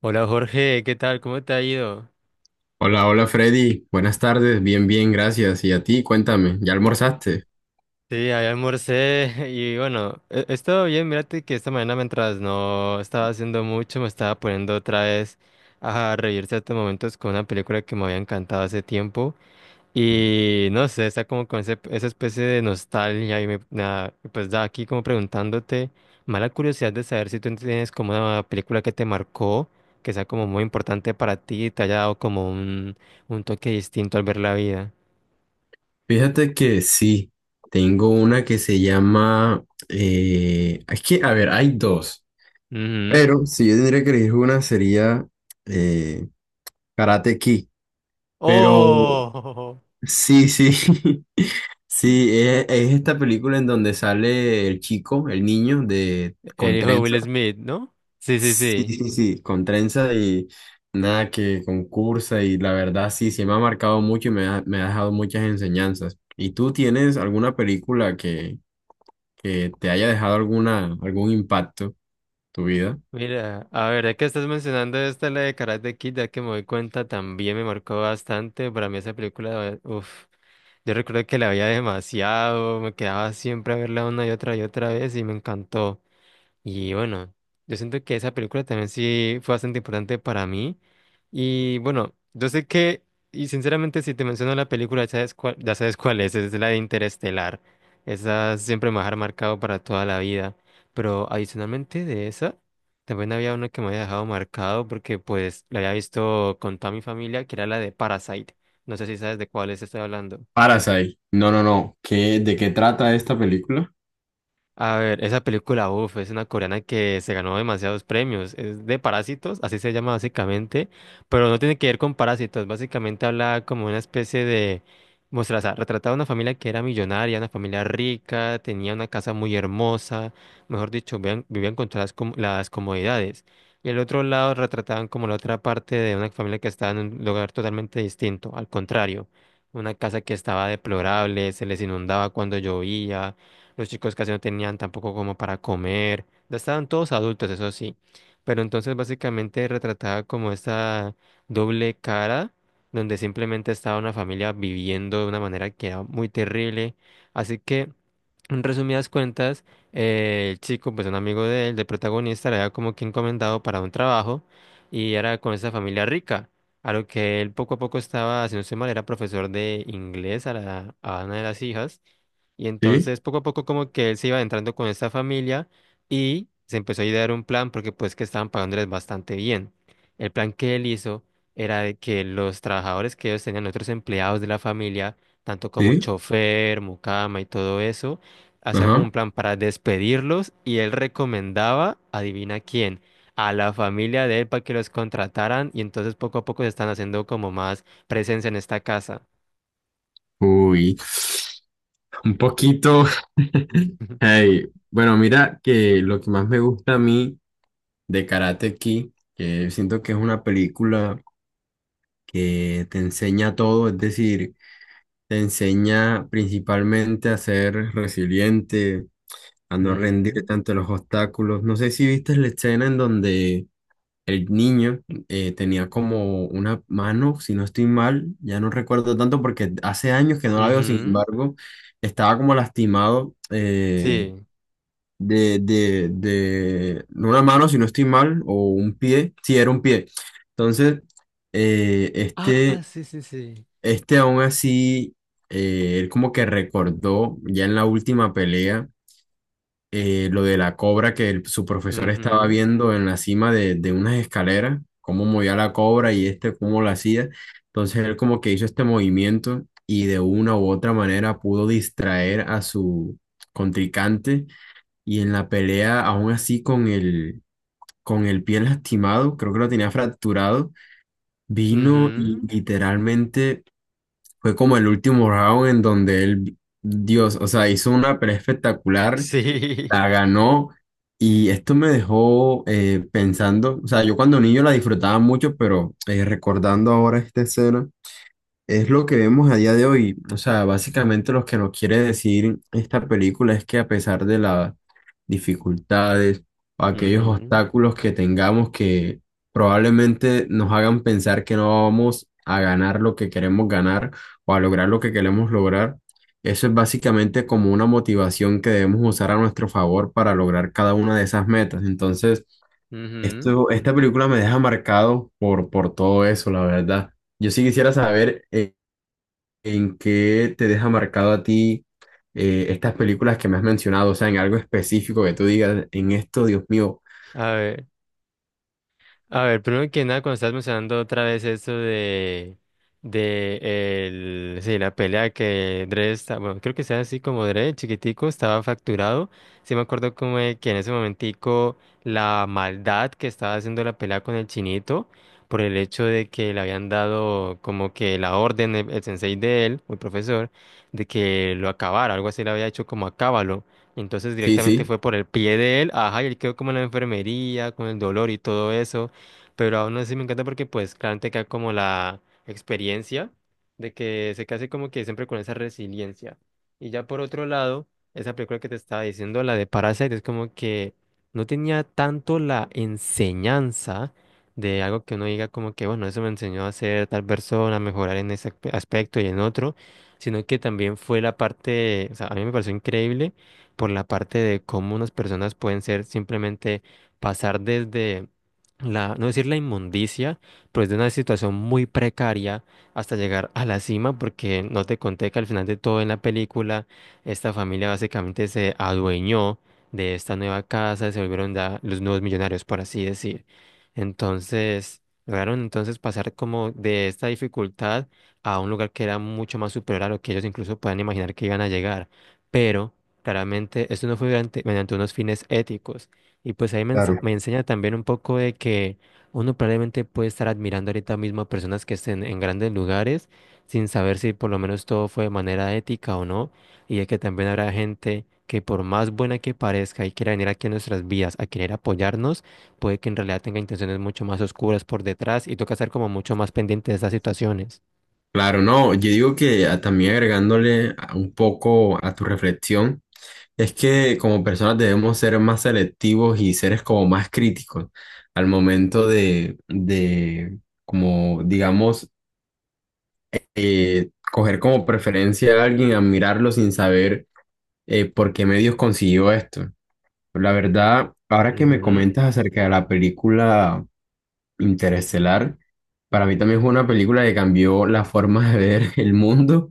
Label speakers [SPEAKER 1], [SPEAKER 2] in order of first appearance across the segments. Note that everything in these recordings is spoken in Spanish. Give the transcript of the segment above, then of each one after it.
[SPEAKER 1] Hola Jorge, ¿qué tal? ¿Cómo te ha ido?
[SPEAKER 2] Hola, hola Freddy, buenas tardes, bien, bien, gracias. Y a ti, cuéntame, ¿ya almorzaste?
[SPEAKER 1] Sí, ahí almorcé y bueno, he estado bien, mírate que esta mañana mientras no estaba haciendo mucho, me estaba poniendo otra vez a reír ciertos momentos con una película que me había encantado hace tiempo y no sé, está como con esa especie de nostalgia y me, nada, pues da aquí como preguntándote, mala curiosidad de saber si tú tienes como una película que te marcó, que sea como muy importante para ti y te haya dado como un toque distinto al ver la vida.
[SPEAKER 2] Fíjate que sí, tengo una que se llama, es que, a ver, hay dos, pero si yo tendría que elegir una sería eh, Karate Kid, pero
[SPEAKER 1] Oh,
[SPEAKER 2] sí, sí, sí, es esta película en donde sale el chico, el niño de
[SPEAKER 1] el
[SPEAKER 2] con
[SPEAKER 1] hijo de
[SPEAKER 2] trenza.
[SPEAKER 1] Will Smith, ¿no? Sí, sí,
[SPEAKER 2] Sí,
[SPEAKER 1] sí.
[SPEAKER 2] sí, sí, con trenza y nada que concursa y la verdad sí, sí me ha marcado mucho y me ha dejado muchas enseñanzas. ¿Y tú tienes alguna película que te haya dejado alguna, algún impacto en tu vida?
[SPEAKER 1] Mira, a ver, ya que estás mencionando esta, la de Karate Kid, ya que me doy cuenta, también me marcó bastante. Para mí esa película, uff, yo recuerdo que la veía demasiado, me quedaba siempre a verla una y otra vez y me encantó. Y bueno, yo siento que esa película también sí fue bastante importante para mí. Y bueno, yo sé que, y sinceramente si te menciono la película, ya sabes cuál es la de Interestelar. Esa siempre me va a dejar marcado para toda la vida. Pero adicionalmente de esa, también había una que me había dejado marcado porque pues la había visto con toda mi familia, que era la de Parasite. No sé si sabes de cuál es estoy hablando.
[SPEAKER 2] Parasite. No, no, no. ¿Qué, de qué trata esta película?
[SPEAKER 1] A ver, esa película, uff, es una coreana que se ganó demasiados premios. Es de Parásitos, así se llama básicamente, pero no tiene que ver con parásitos. Básicamente habla como una especie de... Muestra, o sea, retrataba una familia que era millonaria, una familia rica, tenía una casa muy hermosa, mejor dicho, vivían con todas las comodidades. Y el otro lado retrataban como la otra parte de una familia que estaba en un lugar totalmente distinto, al contrario, una casa que estaba deplorable, se les inundaba cuando llovía los chicos casi no tenían tampoco como para comer. Ya estaban todos adultos, eso sí. Pero entonces básicamente retrataba como esta doble cara, donde simplemente estaba una familia viviendo de una manera que era muy terrible. Así que, en resumidas cuentas, el chico, pues un amigo de él, del protagonista, le había como que encomendado para un trabajo y era con esa familia rica. A lo que él poco a poco estaba, si no estoy mal, era profesor de inglés a una de las hijas. Y
[SPEAKER 2] Sí,
[SPEAKER 1] entonces poco a poco como que él se iba entrando con esta familia y se empezó a idear un plan porque pues que estaban pagándoles bastante bien. El plan que él hizo era de que los trabajadores que ellos tenían, otros empleados de la familia, tanto como
[SPEAKER 2] sí,
[SPEAKER 1] chofer, mucama y todo eso, hacía como
[SPEAKER 2] ajá.
[SPEAKER 1] un plan para despedirlos y él recomendaba, adivina quién, a la familia de él para que los contrataran y entonces poco a poco se están haciendo como más presencia en esta casa.
[SPEAKER 2] Uy, un poquito. Hey, bueno, mira que lo que más me gusta a mí de Karate Kid, que siento que es una película que te enseña todo, es decir, te enseña principalmente a ser resiliente, a no rendir
[SPEAKER 1] Ujú,
[SPEAKER 2] ante los obstáculos. No sé si viste la escena en donde el niño tenía como una mano, si no estoy mal, ya no recuerdo tanto porque hace años que no la veo, sin
[SPEAKER 1] ujú.
[SPEAKER 2] embargo, estaba como lastimado.
[SPEAKER 1] Sí.
[SPEAKER 2] De no una mano, si no estoy mal, o un pie, sí, era un pie. Entonces, eh,
[SPEAKER 1] Ah,
[SPEAKER 2] este
[SPEAKER 1] sí, sí, sí.
[SPEAKER 2] este aún así, él como que recordó ya en la última pelea lo de la cobra que su profesor estaba
[SPEAKER 1] Ujú,
[SPEAKER 2] viendo en la cima de unas escaleras, cómo movía la cobra y este cómo la hacía. Entonces él como que hizo este movimiento y de una u otra manera pudo distraer a su contrincante y en la pelea aún así con con el pie lastimado, creo que lo tenía fracturado, vino y
[SPEAKER 1] ujú.
[SPEAKER 2] literalmente fue como el último round en donde él, Dios, o sea, hizo una pelea espectacular,
[SPEAKER 1] Sí.
[SPEAKER 2] la ganó y esto me dejó pensando, o sea, yo cuando niño la disfrutaba mucho, pero recordando ahora esta escena, es lo que vemos a día de hoy. O sea, básicamente lo que nos quiere decir esta película es que a pesar de las dificultades o aquellos
[SPEAKER 1] Ujú,
[SPEAKER 2] obstáculos que tengamos que probablemente nos hagan pensar que no vamos a ganar lo que queremos ganar o a lograr lo que queremos lograr, eso es básicamente como una motivación que debemos usar a nuestro favor para lograr cada una de esas metas. Entonces,
[SPEAKER 1] ujú.
[SPEAKER 2] esto, esta película me deja marcado por todo eso, la verdad. Yo sí quisiera saber ¿en qué te deja marcado a ti estas películas que me has mencionado? O sea, en algo específico que tú digas, en esto, Dios mío.
[SPEAKER 1] A ver. A ver, primero que nada, cuando estás mencionando otra vez esto de sí, la pelea que Dre está, bueno, creo que sea así como Dre, el chiquitico, estaba facturado. Sí me acuerdo como de que en ese momentico la maldad que estaba haciendo la pelea con el chinito, por el hecho de que le habían dado como que la orden, el sensei de él, o el profesor, de que lo acabara, algo así le había hecho como acábalo. Entonces
[SPEAKER 2] Sí,
[SPEAKER 1] directamente
[SPEAKER 2] sí,
[SPEAKER 1] fue por el pie de él, ajá, y él quedó como en la enfermería, con el dolor y todo eso pero aún así me encanta porque pues claramente queda como la experiencia de que se case como que siempre con esa resiliencia. Y ya por otro lado, esa película que te estaba diciendo, la de Parasite, es como que no tenía tanto la enseñanza de algo que uno diga como que, bueno, eso me enseñó a ser tal persona, a mejorar en ese aspecto y en otro, sino que también fue la parte, o sea, a mí me pareció increíble por la parte de cómo unas personas pueden ser simplemente pasar desde la, no decir la inmundicia, pero es de una situación muy precaria hasta llegar a la cima, porque no te conté que al final de todo en la película, esta familia básicamente se adueñó de esta nueva casa, se volvieron ya los nuevos millonarios, por así decir. Entonces, lograron entonces pasar como de esta dificultad a un lugar que era mucho más superior a lo que ellos incluso puedan imaginar que iban a llegar, pero... Claramente, esto no fue mediante unos fines éticos y pues ahí me
[SPEAKER 2] claro.
[SPEAKER 1] enseña también un poco de que uno probablemente puede estar admirando ahorita mismo a personas que estén en grandes lugares sin saber si por lo menos todo fue de manera ética o no. Y de que también habrá gente que por más buena que parezca y quiera venir aquí a nuestras vidas a querer apoyarnos, puede que en realidad tenga intenciones mucho más oscuras por detrás y toca estar como mucho más pendiente de esas situaciones.
[SPEAKER 2] Claro, no. Yo digo que ah, también un poco a tu reflexión, es que como personas debemos ser más selectivos y seres como más críticos al momento de como, digamos, coger como preferencia a alguien, admirarlo sin saber por qué medios consiguió esto. La verdad, ahora que me comentas acerca de la película. Interestelar, para mí también fue una película que cambió la forma de ver el mundo,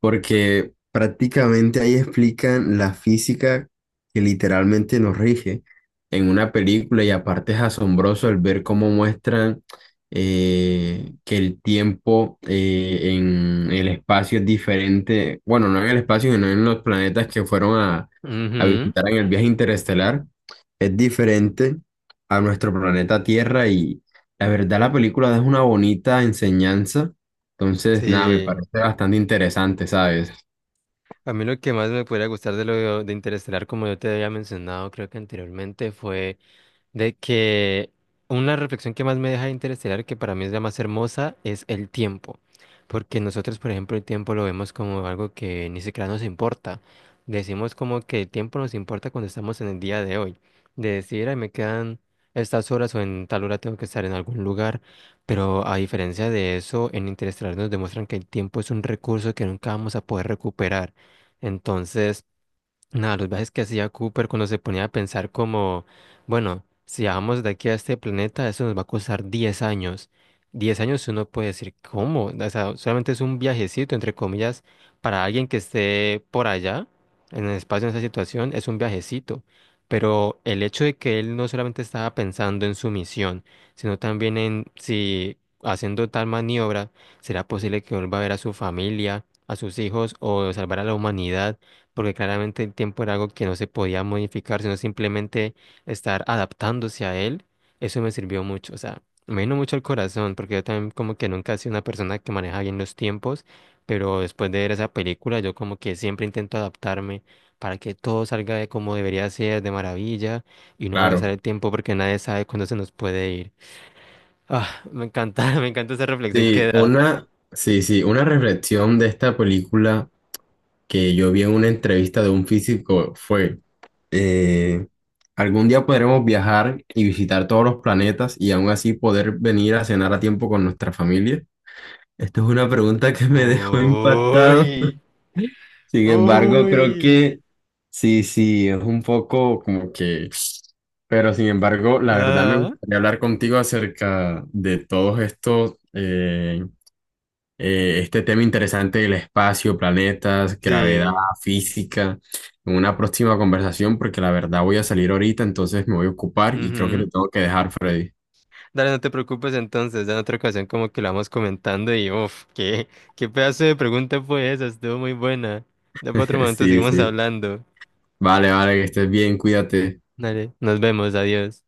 [SPEAKER 2] porque prácticamente ahí explican la física que literalmente nos rige en una película y aparte es asombroso el ver cómo muestran que el tiempo en el espacio es diferente, bueno, no en el espacio, sino en los planetas que fueron
[SPEAKER 1] Ujú,
[SPEAKER 2] a
[SPEAKER 1] ujú.
[SPEAKER 2] visitar en el viaje interestelar, es diferente a nuestro planeta Tierra. La verdad, la película es una bonita enseñanza. Entonces, nada, me
[SPEAKER 1] Sí.
[SPEAKER 2] parece bastante interesante, ¿sabes?
[SPEAKER 1] A mí lo que más me pudiera gustar de lo de Interestelar, como yo te había mencionado, creo que anteriormente, fue de que una reflexión que más me deja de Interestelar, que para mí es la más hermosa, es el tiempo. Porque nosotros, por ejemplo, el tiempo lo vemos como algo que ni siquiera nos importa. Decimos como que el tiempo nos importa cuando estamos en el día de hoy. De decir, ay, me quedan estas horas o en tal hora tengo que estar en algún lugar. Pero a diferencia de eso, en Interestelar nos demuestran que el tiempo es un recurso que nunca vamos a poder recuperar. Entonces, nada, los viajes que hacía Cooper cuando se ponía a pensar como, bueno, si vamos de aquí a este planeta, eso nos va a costar 10 años. 10 años uno puede decir, ¿cómo? O sea, solamente es un viajecito, entre comillas, para alguien que esté por allá, en el espacio, en esa situación, es un viajecito. Pero el hecho de que él no solamente estaba pensando en su misión, sino también en si haciendo tal maniobra, será posible que vuelva a ver a su familia, a sus hijos o salvar a la humanidad porque claramente el tiempo era algo que no se podía modificar, sino simplemente estar adaptándose a él, eso me sirvió mucho, o sea, me vino mucho al corazón, porque yo también como que nunca he sido una persona que maneja bien los tiempos, pero después de ver esa película, yo como que siempre intento adaptarme para que todo salga de como debería ser, de maravilla, y no me
[SPEAKER 2] Claro.
[SPEAKER 1] gastar el tiempo porque nadie sabe cuándo se nos puede ir. Ah, me encanta, me encanta esa reflexión que
[SPEAKER 2] Sí,
[SPEAKER 1] da.
[SPEAKER 2] una, sí, sí, una reflexión de esta película que yo vi en una entrevista de un físico fue, eh, algún día podremos viajar y visitar todos los planetas y aún así poder venir a cenar a tiempo con nuestra familia. Esto es una pregunta que me dejó impactado.
[SPEAKER 1] Uy,
[SPEAKER 2] Sin embargo, creo
[SPEAKER 1] uy.
[SPEAKER 2] que sí, sí, es un poco como que... Pero sin embargo, la verdad me
[SPEAKER 1] Ah,
[SPEAKER 2] gustaría hablar contigo acerca de todos estos, este tema interesante del espacio, planetas, gravedad,
[SPEAKER 1] sí.
[SPEAKER 2] física, en una próxima conversación, porque la verdad voy a salir ahorita, entonces me voy a ocupar y creo que
[SPEAKER 1] Ujú.
[SPEAKER 2] te tengo que dejar, Freddy.
[SPEAKER 1] Dale, no te preocupes entonces, ya en otra ocasión como que lo vamos comentando y uff, qué, qué pedazo de pregunta fue esa, estuvo muy buena. Ya para otro momento
[SPEAKER 2] Sí,
[SPEAKER 1] seguimos
[SPEAKER 2] sí.
[SPEAKER 1] hablando.
[SPEAKER 2] Vale, vale, que estés bien, cuídate.
[SPEAKER 1] Dale, nos vemos, adiós.